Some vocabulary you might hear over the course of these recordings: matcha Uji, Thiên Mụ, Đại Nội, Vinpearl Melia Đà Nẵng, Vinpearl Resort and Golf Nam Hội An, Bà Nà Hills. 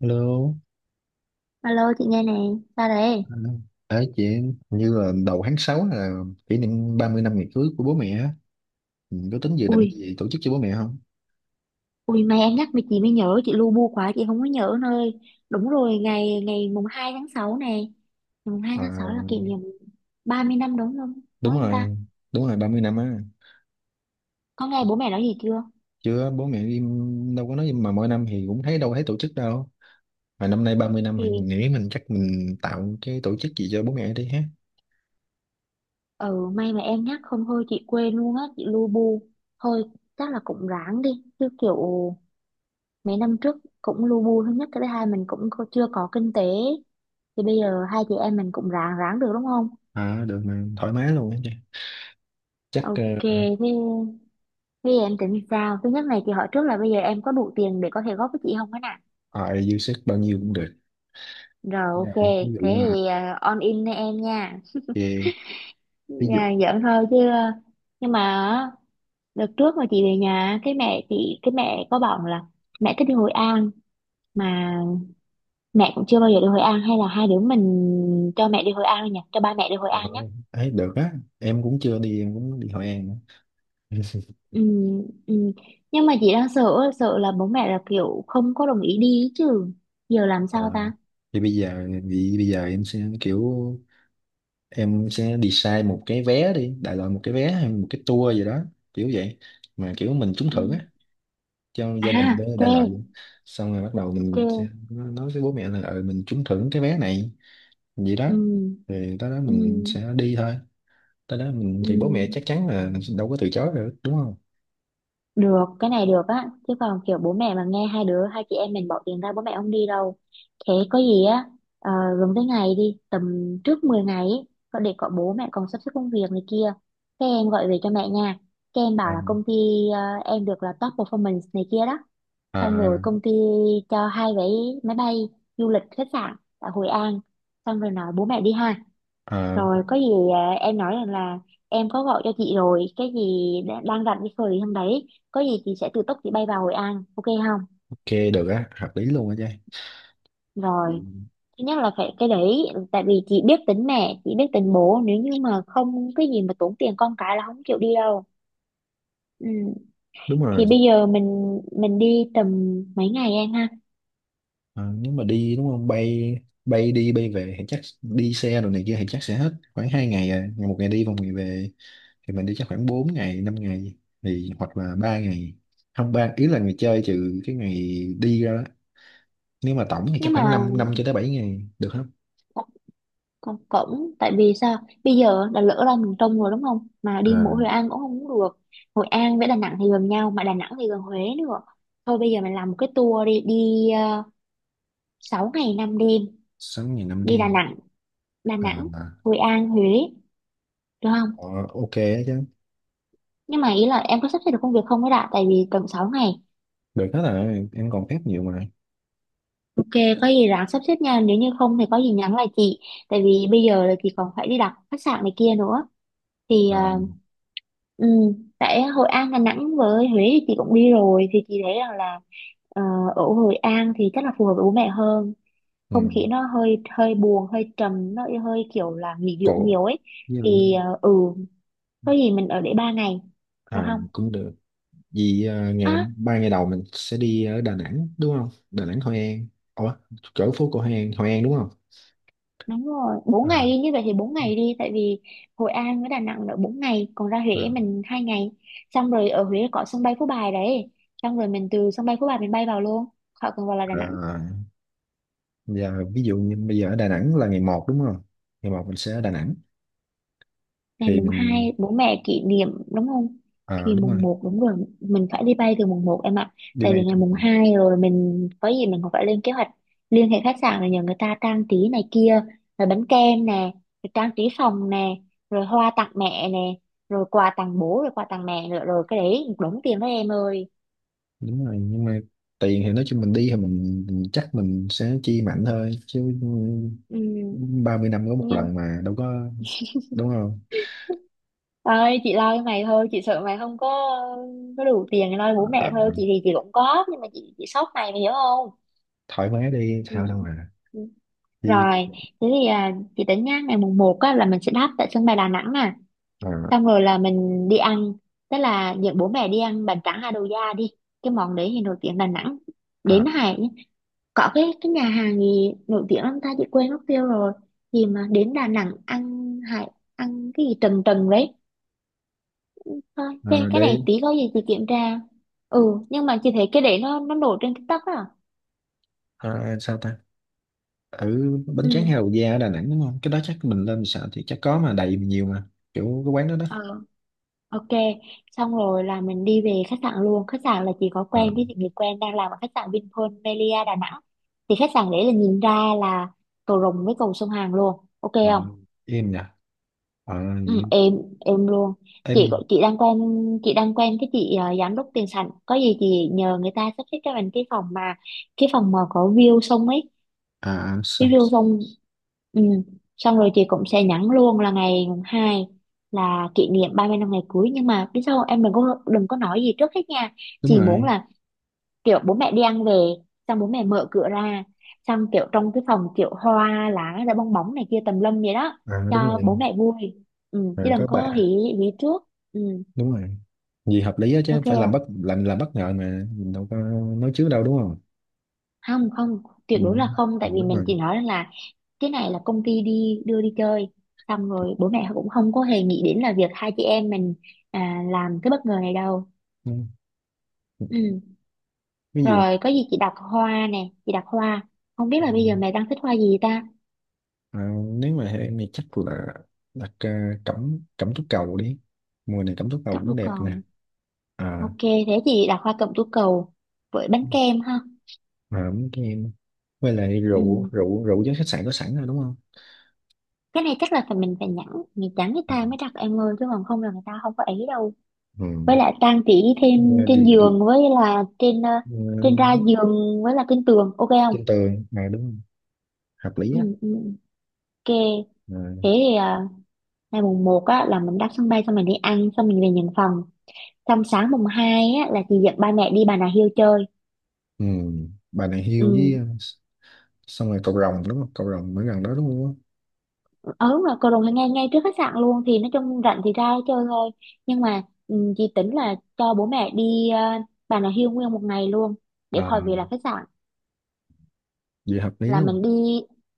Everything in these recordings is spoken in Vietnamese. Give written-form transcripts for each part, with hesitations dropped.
Hello. Alo chị nghe nè, sao đấy? À, đấy chị hình như là đầu tháng 6 là kỷ niệm 30 năm ngày cưới của bố mẹ á. Mình có tính dự định Ui, gì tổ chức cho bố mẹ không? ui may em nhắc mà chị mới nhớ, chị lu bu quá chị không có nhớ nơi. Đúng rồi, ngày ngày mùng 2 tháng 6 này. Ngày mùng hai À, tháng 6 là kỷ niệm 30 năm đúng không? Đúng đúng không ta? rồi, đúng rồi, 30 năm á. Có nghe bố mẹ nói gì chưa? Chưa, bố mẹ im đâu có nói mà mỗi năm thì cũng thấy đâu thấy tổ chức đâu. Mà năm nay 30 năm thì Thì mình nghĩ mình chắc mình tạo cái tổ chức gì cho bố mẹ đi ha. ừ may mà em nhắc không thôi chị quên luôn á, chị lu bu. Thôi chắc là cũng ráng đi, chứ kiểu mấy năm trước cũng lu bu thứ nhất cái thứ hai mình cũng chưa có kinh tế. Thì bây giờ hai chị em mình cũng ráng ráng được đúng không? À, được mà thoải mái luôn á chị. Chắc Ok, thế bây giờ em tính sao? Thứ nhất này thì hỏi trước là bây giờ em có đủ tiền để có thể góp với chị không á nè. Dư sức bao nhiêu cũng được. Rồi Rồi, ok, ví thế dụ là thì on in với em nha. về- ví À, dụ giỡn thôi chứ. Nhưng mà á, đợt trước mà chị về nhà, cái mẹ chị, cái mẹ có bảo là mẹ thích đi Hội An mà mẹ cũng chưa bao giờ đi Hội An hay là hai đứa mình cho mẹ đi Hội An nhỉ, cho ba mẹ đi Hội ờ, An nhé. ấy được á, em cũng chưa đi em cũng đi Hội An nữa. Ừ, ừ. Nhưng mà chị đang sợ sợ là bố mẹ là kiểu không có đồng ý đi ý chứ. Giờ làm sao Ờ, ta? thì bây giờ em sẽ kiểu em sẽ design một cái vé đi, đại loại một cái vé hay một cái tour gì đó kiểu vậy, mà kiểu mình trúng Ừ. thưởng á cho gia đình À, đó, đại loại ok, vậy. Xong rồi bắt đầu ok. mình sẽ nói với bố mẹ là ừ, mình trúng thưởng cái vé này vậy đó, Ừ, rồi tới đó mình ừ, sẽ đi thôi. Tới đó mình ừ. thì bố mẹ chắc chắn là đâu có từ chối được, đúng không? Được, cái này được á. Chứ còn kiểu bố mẹ mà nghe hai đứa, hai chị em mình bỏ tiền ra bố mẹ không đi đâu. Thế có gì á, ờ, gần tới ngày đi, tầm trước 10 ngày ấy, có để có bố mẹ còn sắp xếp công việc này kia. Thế em gọi về cho mẹ nha. Cái em bảo Ờ, là công ty ờ, em được là top performance này kia đó. ờ, Xong rồi công ty cho hai vé máy bay du lịch khách sạn tại Hội An. Xong rồi nói bố mẹ đi ha. ờ, Rồi có gì em nói rằng là em có gọi cho chị rồi, cái gì đang rảnh cái thời hôm đấy, có gì chị sẽ tự túc chị bay vào Hội An, ok không? ok, được á, hợp lý luôn á trai. Rồi, thứ nhất là phải cái đấy, tại vì chị biết tính mẹ, chị biết tính bố, nếu như mà không cái gì mà tốn tiền con cái là không chịu đi đâu. Ừ. Đúng Thì rồi. bây giờ mình đi tầm mấy ngày em ha? Ờ, Nếu mà đi đúng không, bay bay đi bay về thì chắc đi xe rồi này kia thì chắc sẽ hết khoảng 2 ngày, à ngày, một ngày đi và một ngày về, thì mình đi chắc khoảng 4 ngày 5 ngày, thì hoặc là 3 ngày, không ba ý là ngày chơi trừ cái ngày đi ra đó, nếu mà tổng thì chắc Nhưng khoảng mà 5 năm năm cho tới 7 ngày được không? con cổng tại vì sao bây giờ đã lỡ ra miền Trung rồi đúng không mà đi mỗi Hội À, An cũng không được. Hội An với Đà Nẵng thì gần nhau mà Đà Nẵng thì gần Huế nữa, thôi bây giờ mình làm một cái tour đi đi, uh, 6 ngày 5 đêm 6 ngày năm đi Đà đêm Nẵng, Đà À Nẵng mà Hội An Huế được không? ờ, ok đó chứ. Nhưng mà ý là em có sắp xếp được công việc không ấy đã tại vì cần 6 ngày. Được hết rồi, em còn phép nhiều mà. Ok, có gì ráng sắp xếp nha, nếu như không thì có gì nhắn lại chị, tại vì bây giờ là chị còn phải đi đặt khách sạn này kia nữa. thì À, ờ, Ừ, tại Hội An Đà Nẵng với Huế thì chị cũng đi rồi thì chị thấy rằng là ờ, ở Hội An thì chắc là phù hợp với bố mẹ hơn. Không khí ừ. nó hơi hơi buồn hơi trầm nó hơi kiểu là nghỉ dưỡng Cậu nhiều ấy. với- ừ, có gì mình ở để 3 ngày được à, không? cũng được. Vì ngày À ba ngày đầu mình sẽ đi ở Đà Nẵng đúng không? Đà Nẵng, Hội An. Ủa, chỗ phố cổ Hội An, Hội An đúng không? đúng rồi, 4 ngày à, đi như vậy thì 4 ngày đi tại vì Hội An với Đà Nẵng là 4 ngày còn ra Huế Vâng. mình 2 ngày. Xong rồi ở Huế có sân bay Phú Bài đấy, xong rồi mình từ sân bay Phú Bài mình bay vào luôn khỏi cần vào là Đà Nẵng. À, giờ ví dụ như bây giờ ở Đà Nẵng là ngày một đúng không? Ngày một mình sẽ ở Đà Nẵng, Ngày thì mùng mình 2 bố mẹ kỷ niệm đúng không, thì đúng rồi, mùng một đúng rồi, mình phải đi bay từ mùng một em ạ. đi Tại vì bay ngày từ mùng vòng. 2 rồi mình có gì mình còn phải lên kế hoạch liên hệ khách sạn rồi nhờ người ta trang trí này kia, rồi bánh kem nè, rồi trang trí phòng nè, rồi hoa tặng mẹ nè, rồi quà tặng bố rồi quà tặng mẹ nữa rồi cái đấy một đống tiền đó em ơi. Đúng rồi, nhưng mà tiền thì nói chung mình đi thì mình chắc mình sẽ chi mạnh thôi chứ, Ừ, 30 năm có một nhưng lần mà đâu có, đúng không? ơi chị lo cho mày thôi, chị sợ mày không có có đủ tiền để lo bố mẹ À, thôi, chị thì chị cũng có nhưng mà chị sốc mày, mày hiểu không? thoải mái đi sao đâu mà. Ừ. Thì, Rồi, thế thì chị tính nhá, ngày mùng một á, là mình sẽ đáp tại sân bay Đà Nẵng nè. à, Xong rồi là mình đi ăn, tức là dẫn bố mẹ đi ăn bánh tráng Hà Đồ Gia đi. Cái món đấy thì nổi tiếng Đà Nẵng. à, Đến Hải, có cái nhà hàng gì nổi tiếng lắm ta, chị quên mất tiêu rồi. Gì mà đến Đà Nẵng ăn Hải, ăn cái gì trần trần đấy. Thôi, cái để. này tí có gì chị kiểm tra. Ừ, nhưng mà chị thấy cái đấy nó nổi trên TikTok á. Ờ, Sao ta, ở bánh Ừ. tráng hay Hậu Gia ở Đà Nẵng đúng không? Cái đó chắc mình lên sợ thì chắc có mà đầy nhiều mà, kiểu cái quán đó đó. Ờ. Ok, xong rồi là mình đi về khách sạn luôn. Khách sạn là chị có Ờ, quen với chị người quen đang làm ở khách sạn Vinpearl Melia Đà Nẵng. Thì khách sạn đấy là nhìn ra là cầu Rồng với cầu sông Hàn luôn. Ok không? Còn em nhỉ. Ờ Ừ, gì em luôn. em Chị có- chị đang quen cái chị giám đốc tiền sảnh. Có gì chị nhờ người ta sắp xếp cho mình cái phòng mà có view sông ấy, à à, sao. review xong. Ừ. Xong rồi chị cũng sẽ nhắn luôn là ngày mùng hai là kỷ niệm 30 năm ngày cưới, nhưng mà biết sao không? Em đừng có nói gì trước hết nha. Đúng Chị muốn rồi. là kiểu bố mẹ đi ăn về xong bố mẹ mở cửa ra xong kiểu trong cái phòng kiểu hoa lá rồi bong bóng này kia tùm lum vậy đó, Đúng cho rồi. bố mẹ vui. Ừ. Chứ đừng Có bà. có hỉ hỉ trước. Ừ. Đúng rồi, gì hợp lý á, chứ phải Ok. Làm bất ngờ mà mình đâu có nói trước đâu, đúng không? Không, không, không, Ừ, tuyệt đối là không, ừ, tại vì đúng mình rồi. chỉ nói là cái này là công ty đi đưa đi chơi, xong rồi bố mẹ cũng không có hề nghĩ đến là việc hai chị em mình làm cái bất ngờ này đâu. Ừ. Ừ. Ví dụ, Rồi có gì chị đặt hoa nè, chị đặt hoa, không biết ừ, là bây giờ mẹ đang thích hoa gì ta. à, nếu mà em thì chắc là đặt, cẩm cẩm tú cầu đi, mùa này cẩm tú cầu Cẩm tú cũng đẹp nè. cầu. À Ok thế chị đặt hoa cẩm tú cầu với bánh kem ha. mà ấm cho em, với lại rượu Ừ. rượu rượu với khách sạn có sẵn rồi đúng không? Cái này chắc là phải mình phải nhắn, mình nhắn người Ừ. ta mới đặt em ơi chứ còn không là người ta không có ý đâu. Ừ. Với lại trang trí thêm Ờ, Đi, trên đi, giường với là ờ, trên ra giường với là trên tường, ok không? trên tường à đúng không? Hợp lý Ừ, á. ừ, ok. Thế À. thì ngày mùng một á, là mình đáp sân bay xong mình đi ăn xong mình về nhận phòng. Xong sáng mùng 2 á, là chị dẫn ba mẹ đi Bà Nà Hills chơi. Ừ. Bà này hiêu Ừ, với, xong rồi cậu rồng đúng không, cậu rồng mới gần đó đúng không? ờ, đúng rồi, cầu Rồng là ngay ngay trước khách sạn luôn thì nói chung rảnh thì ra chơi thôi. Nhưng mà ừ, chị tính là cho bố mẹ đi Bà Nà Hills nguyên một ngày luôn để à, khỏi về là khách sạn. Vậy hợp lý Là luôn. mình đi,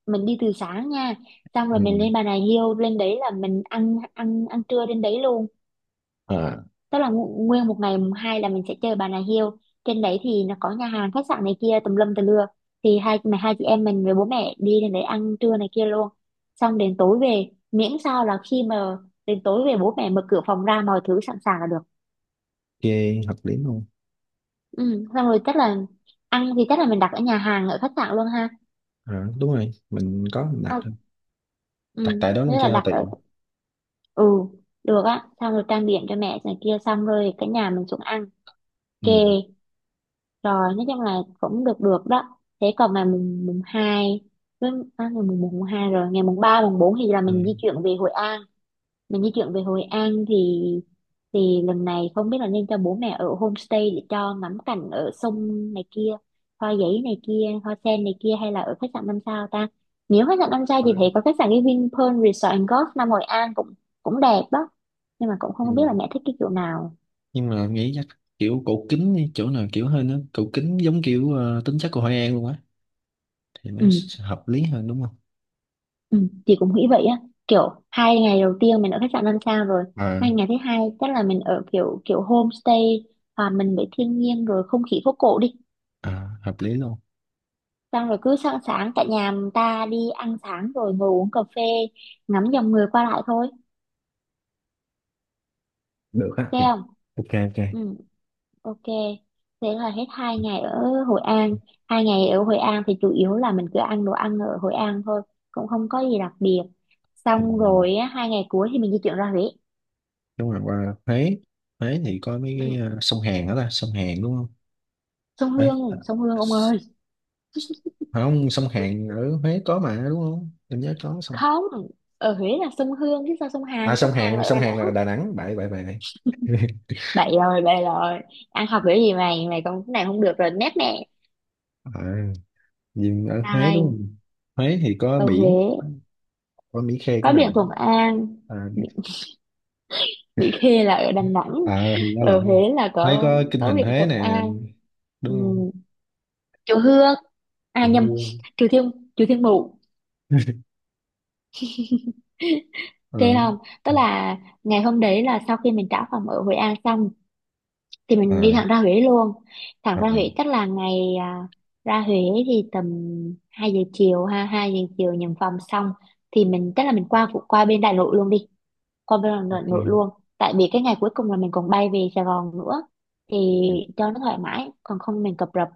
mình đi từ sáng nha. Xong rồi mình Ừ. lên Bà Nà Hills, lên đấy là mình ăn ăn ăn trưa trên đấy luôn, à, tức là nguyên một ngày mùng hai là mình sẽ chơi Bà Nà Hills. Trên đấy thì nó có nhà hàng khách sạn này kia tùm lum tùm lưa, thì hai chị em mình với bố mẹ đi lên đấy ăn trưa này kia luôn, xong đến tối về miễn sao là khi mà đến tối về bố mẹ mở cửa phòng ra mọi thứ sẵn sàng là được. ok. Hợp lý luôn. Ừ xong rồi chắc là ăn thì chắc là mình đặt ở nhà hàng ở khách sạn luôn ha. Đúng rồi, mình có mình đặt Ờ, thôi. Đặt ừ tại đó luôn nghĩa là cho đặt ở. tiện. Ừ được á, xong rồi trang điểm cho mẹ này kia xong rồi cả nhà mình xuống ăn kề, Ừ. rồi nói chung là cũng được được đó. Thế còn ngày mùng mùng hai với à, ngày mùng mùng hai rồi ngày mùng ba mùng bốn thì là Ừ. mình di chuyển về Hội An. Mình di chuyển về Hội An thì thì lần này không biết là nên cho bố mẹ ở homestay để cho ngắm cảnh ở sông này kia, hoa giấy này kia hoa sen này kia, hay là ở khách sạn năm sao ta. Nếu khách sạn năm sao thì thấy có khách sạn cái Vinpearl Resort and Golf Nam Hội An cũng cũng đẹp đó, nhưng mà cũng Ừ. không biết là mẹ thích cái kiểu nào. Nhưng mà nghĩ chắc kiểu cổ kính đi, chỗ nào kiểu hơn á, cổ kính giống kiểu tính chất của Hội An luôn á, thì nó Ừ. sẽ hợp lý hơn đúng không? Ừ, chị cũng nghĩ vậy á, kiểu 2 ngày đầu tiên mình ở khách sạn 5 sao rồi, Ờ. 2 ngày thứ hai chắc là mình ở kiểu kiểu homestay. À, mình với thiên nhiên rồi không khí phố cổ đi, À, hợp lý luôn. xong rồi cứ sáng sáng cả nhà người ta đi ăn sáng rồi ngồi uống cà phê, ngắm dòng người qua lại thôi. Được á, Thấy thì không? ok ok. Ừ, ok. Thế là hết 2 ngày ở Hội An. 2 ngày ở Hội An thì chủ yếu là mình cứ ăn đồ ăn ở Hội An thôi, cũng không có gì đặc biệt. Ừ. Xong rồi á, 2 ngày cuối thì mình di chuyển ra Huế. Đúng rồi, qua Huế. Huế thì có mấy cái Ừ. Sông Hàn đó ta, sông Hàn đúng không? Sông Đấy. Hương, sông Hương ông ơi! Không, sông Hàn ở Huế có mà đúng không, em nhớ có sông. Không, ở Huế là sông Hương chứ sao, sông À, Hàn, sông sông Hàn Hàn, là ở sông Đà Hàn Nẵng. là Đà Nẵng, bậy bậy bậy bậy. Bậy rồi, bậy rồi. Ăn học kiểu gì mày, mày còn cái này không được rồi, nét nè. à, nhưng ở Huế đúng Ai? không? Huế thì có Ở biển, Huế có Mỹ Khê, có cái Đà biển Nẵng. Thuận An. à, bị, bị khê là ở Đà Nẵng, thì nó ở Huế lộn. là Huế có có kinh có thành biển Huế Thuận nè An. đúng không? Ừm, Chùa Hương, à Ừ. nhầm, chùa Thiên Mụ. ờ Thế không? Tức là ngày hôm đấy là sau khi mình trả phòng ở Hội An xong thì mình đi ờ thẳng ra Huế luôn, thẳng ờ ra Huế chắc là ngày ra Huế thì tầm 2 giờ chiều, ha, 2 giờ chiều nhận phòng xong thì mình chắc là mình qua bên Đại Nội luôn đi, qua bên Đại Nội ok. luôn. Tại vì cái ngày cuối cùng là mình còn bay về Sài Gòn nữa, thì Rồi, cho nó thoải mái còn không mình cập rập.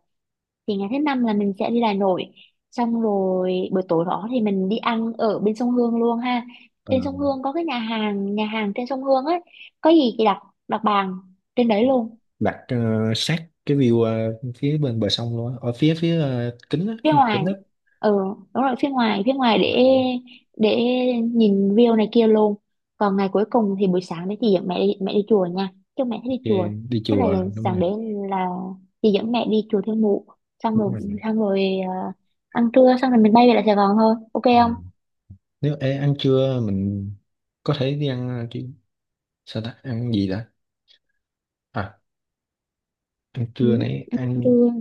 Thì ngày thứ năm là mình sẽ đi Đại Nội, xong rồi buổi tối đó thì mình đi ăn ở bên sông Hương luôn ha. ờ, Trên sông Hương có cái nhà hàng trên sông Hương ấy, có gì thì đặt đặt bàn trên đấy luôn. đặt sát cái view, phía bên bờ sông luôn á, ở phía phía kính á, cái Phía mặt kính á. ngoài. Ừ, đúng rồi, phía ngoài ờ, để nhìn view này kia luôn. Còn ngày cuối cùng thì buổi sáng đấy chị dẫn mẹ đi chùa nha, chứ mẹ thích đi ok. chùa. Đi Thế là chùa đúng sáng rồi. đấy là chị dẫn mẹ đi chùa Thiên Mụ, xong Đúng rồi rồi. xong rồi ờ, ăn trưa xong rồi mình bay về lại Sài Gòn thôi, ok ờ, không? Nếu ăn trưa mình có thể đi ăn, chứ sao ta, ăn gì đã. À, ăn Ừ. trưa nãy ăn. Trưa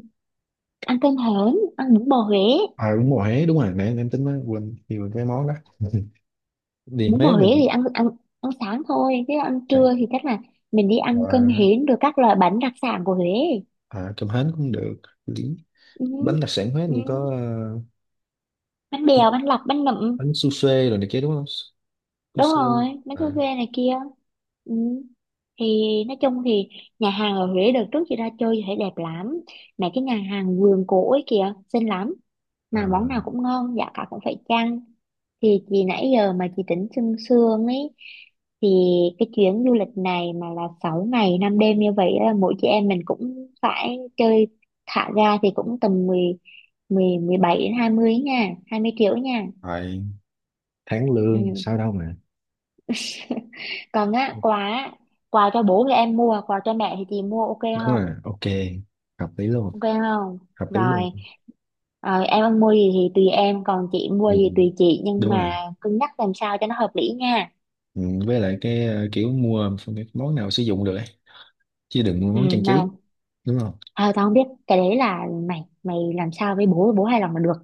ăn cơm hến, ăn bún bò Huế. Đúng rồi, Huế đúng rồi, nãy em tính mới quên nhiều cái món đó, đi Bún bò Huế Huế mình thì ăn ăn ăn sáng thôi, chứ ăn sẽ. trưa thì chắc là mình đi ăn cơm à, hến rồi các loại bánh đặc sản của Huế. Cơm hến cũng được lý. Ừ. Bánh đặc sản Huế Ừ. như có, Bánh bèo, bánh lọc, bánh nậm. bánh su xê rồi này kia đúng không? Su Đúng xê. rồi, bánh su à, phê này kia. Ừ. Thì nói chung thì nhà hàng ở Huế đợt trước chị ra chơi chị thấy đẹp lắm, mấy cái nhà hàng vườn cổ ấy kìa xinh lắm, mà món À, nào cũng ngon, giá cả cũng phải chăng. Thì chị nãy giờ mà chị tính sương sương ấy, thì cái chuyến du lịch này mà là 6 ngày 5 đêm, như vậy là mỗi chị em mình cũng phải chơi thả ga thì cũng tầm mười mười 17 đến 20 nha, 20 triệu nha. phải, tháng Ừ. lương sao đâu mà. Còn á, quà á, quà cho bố thì em mua, quà cho mẹ thì chị mua, ok Đúng không? rồi. Ok, hợp lý luôn. Ok không? Hợp lý Rồi, luôn. ờ, em muốn mua gì thì tùy em, còn chị Ừ, mua gì tùy chị, nhưng đúng rồi. mà cân nhắc làm sao cho nó hợp lý nha. Ừ, với lại cái kiểu mua cái món nào sử dụng được ấy, chứ đừng mua Ừ món trang trí nào. đúng không? À, tao không biết, cái đấy là mày, mày làm sao với bố, bố hài lòng là được,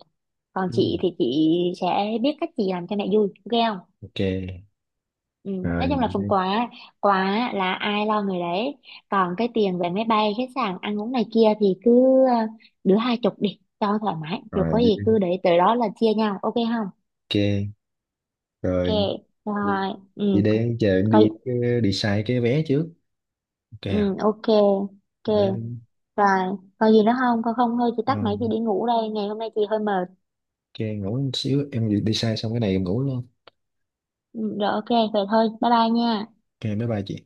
còn Ừ. chị thì chị sẽ biết cách chị làm cho mẹ vui, ok không? Ok. Ừ, nói Rồi chung là phần đi. quà, quà là ai lo người đấy, còn cái tiền về máy bay khách sạn ăn uống này kia thì cứ ờ, đứa hai chục đi cho thoải mái, rồi Rồi có đi. gì cứ để tới đó là chia nhau, ok không? Ok. Ok. Rồi, vậy Rồi, vậy ừ. để chờ em Coi. đi, đi xài cái vé trước. Ok. Ừ, ok. Ok. Vé đi. Rồi, còn gì nữa không con, không thôi chị Ờ, tắt máy chị đi ngủ đây, ngày hôm nay chị hơi mệt. ok, ngủ một xíu, em đi đi xài xong cái này em ngủ luôn. Ừ, rồi, ok vậy thôi, bye bye nha. Ok, bye bye chị.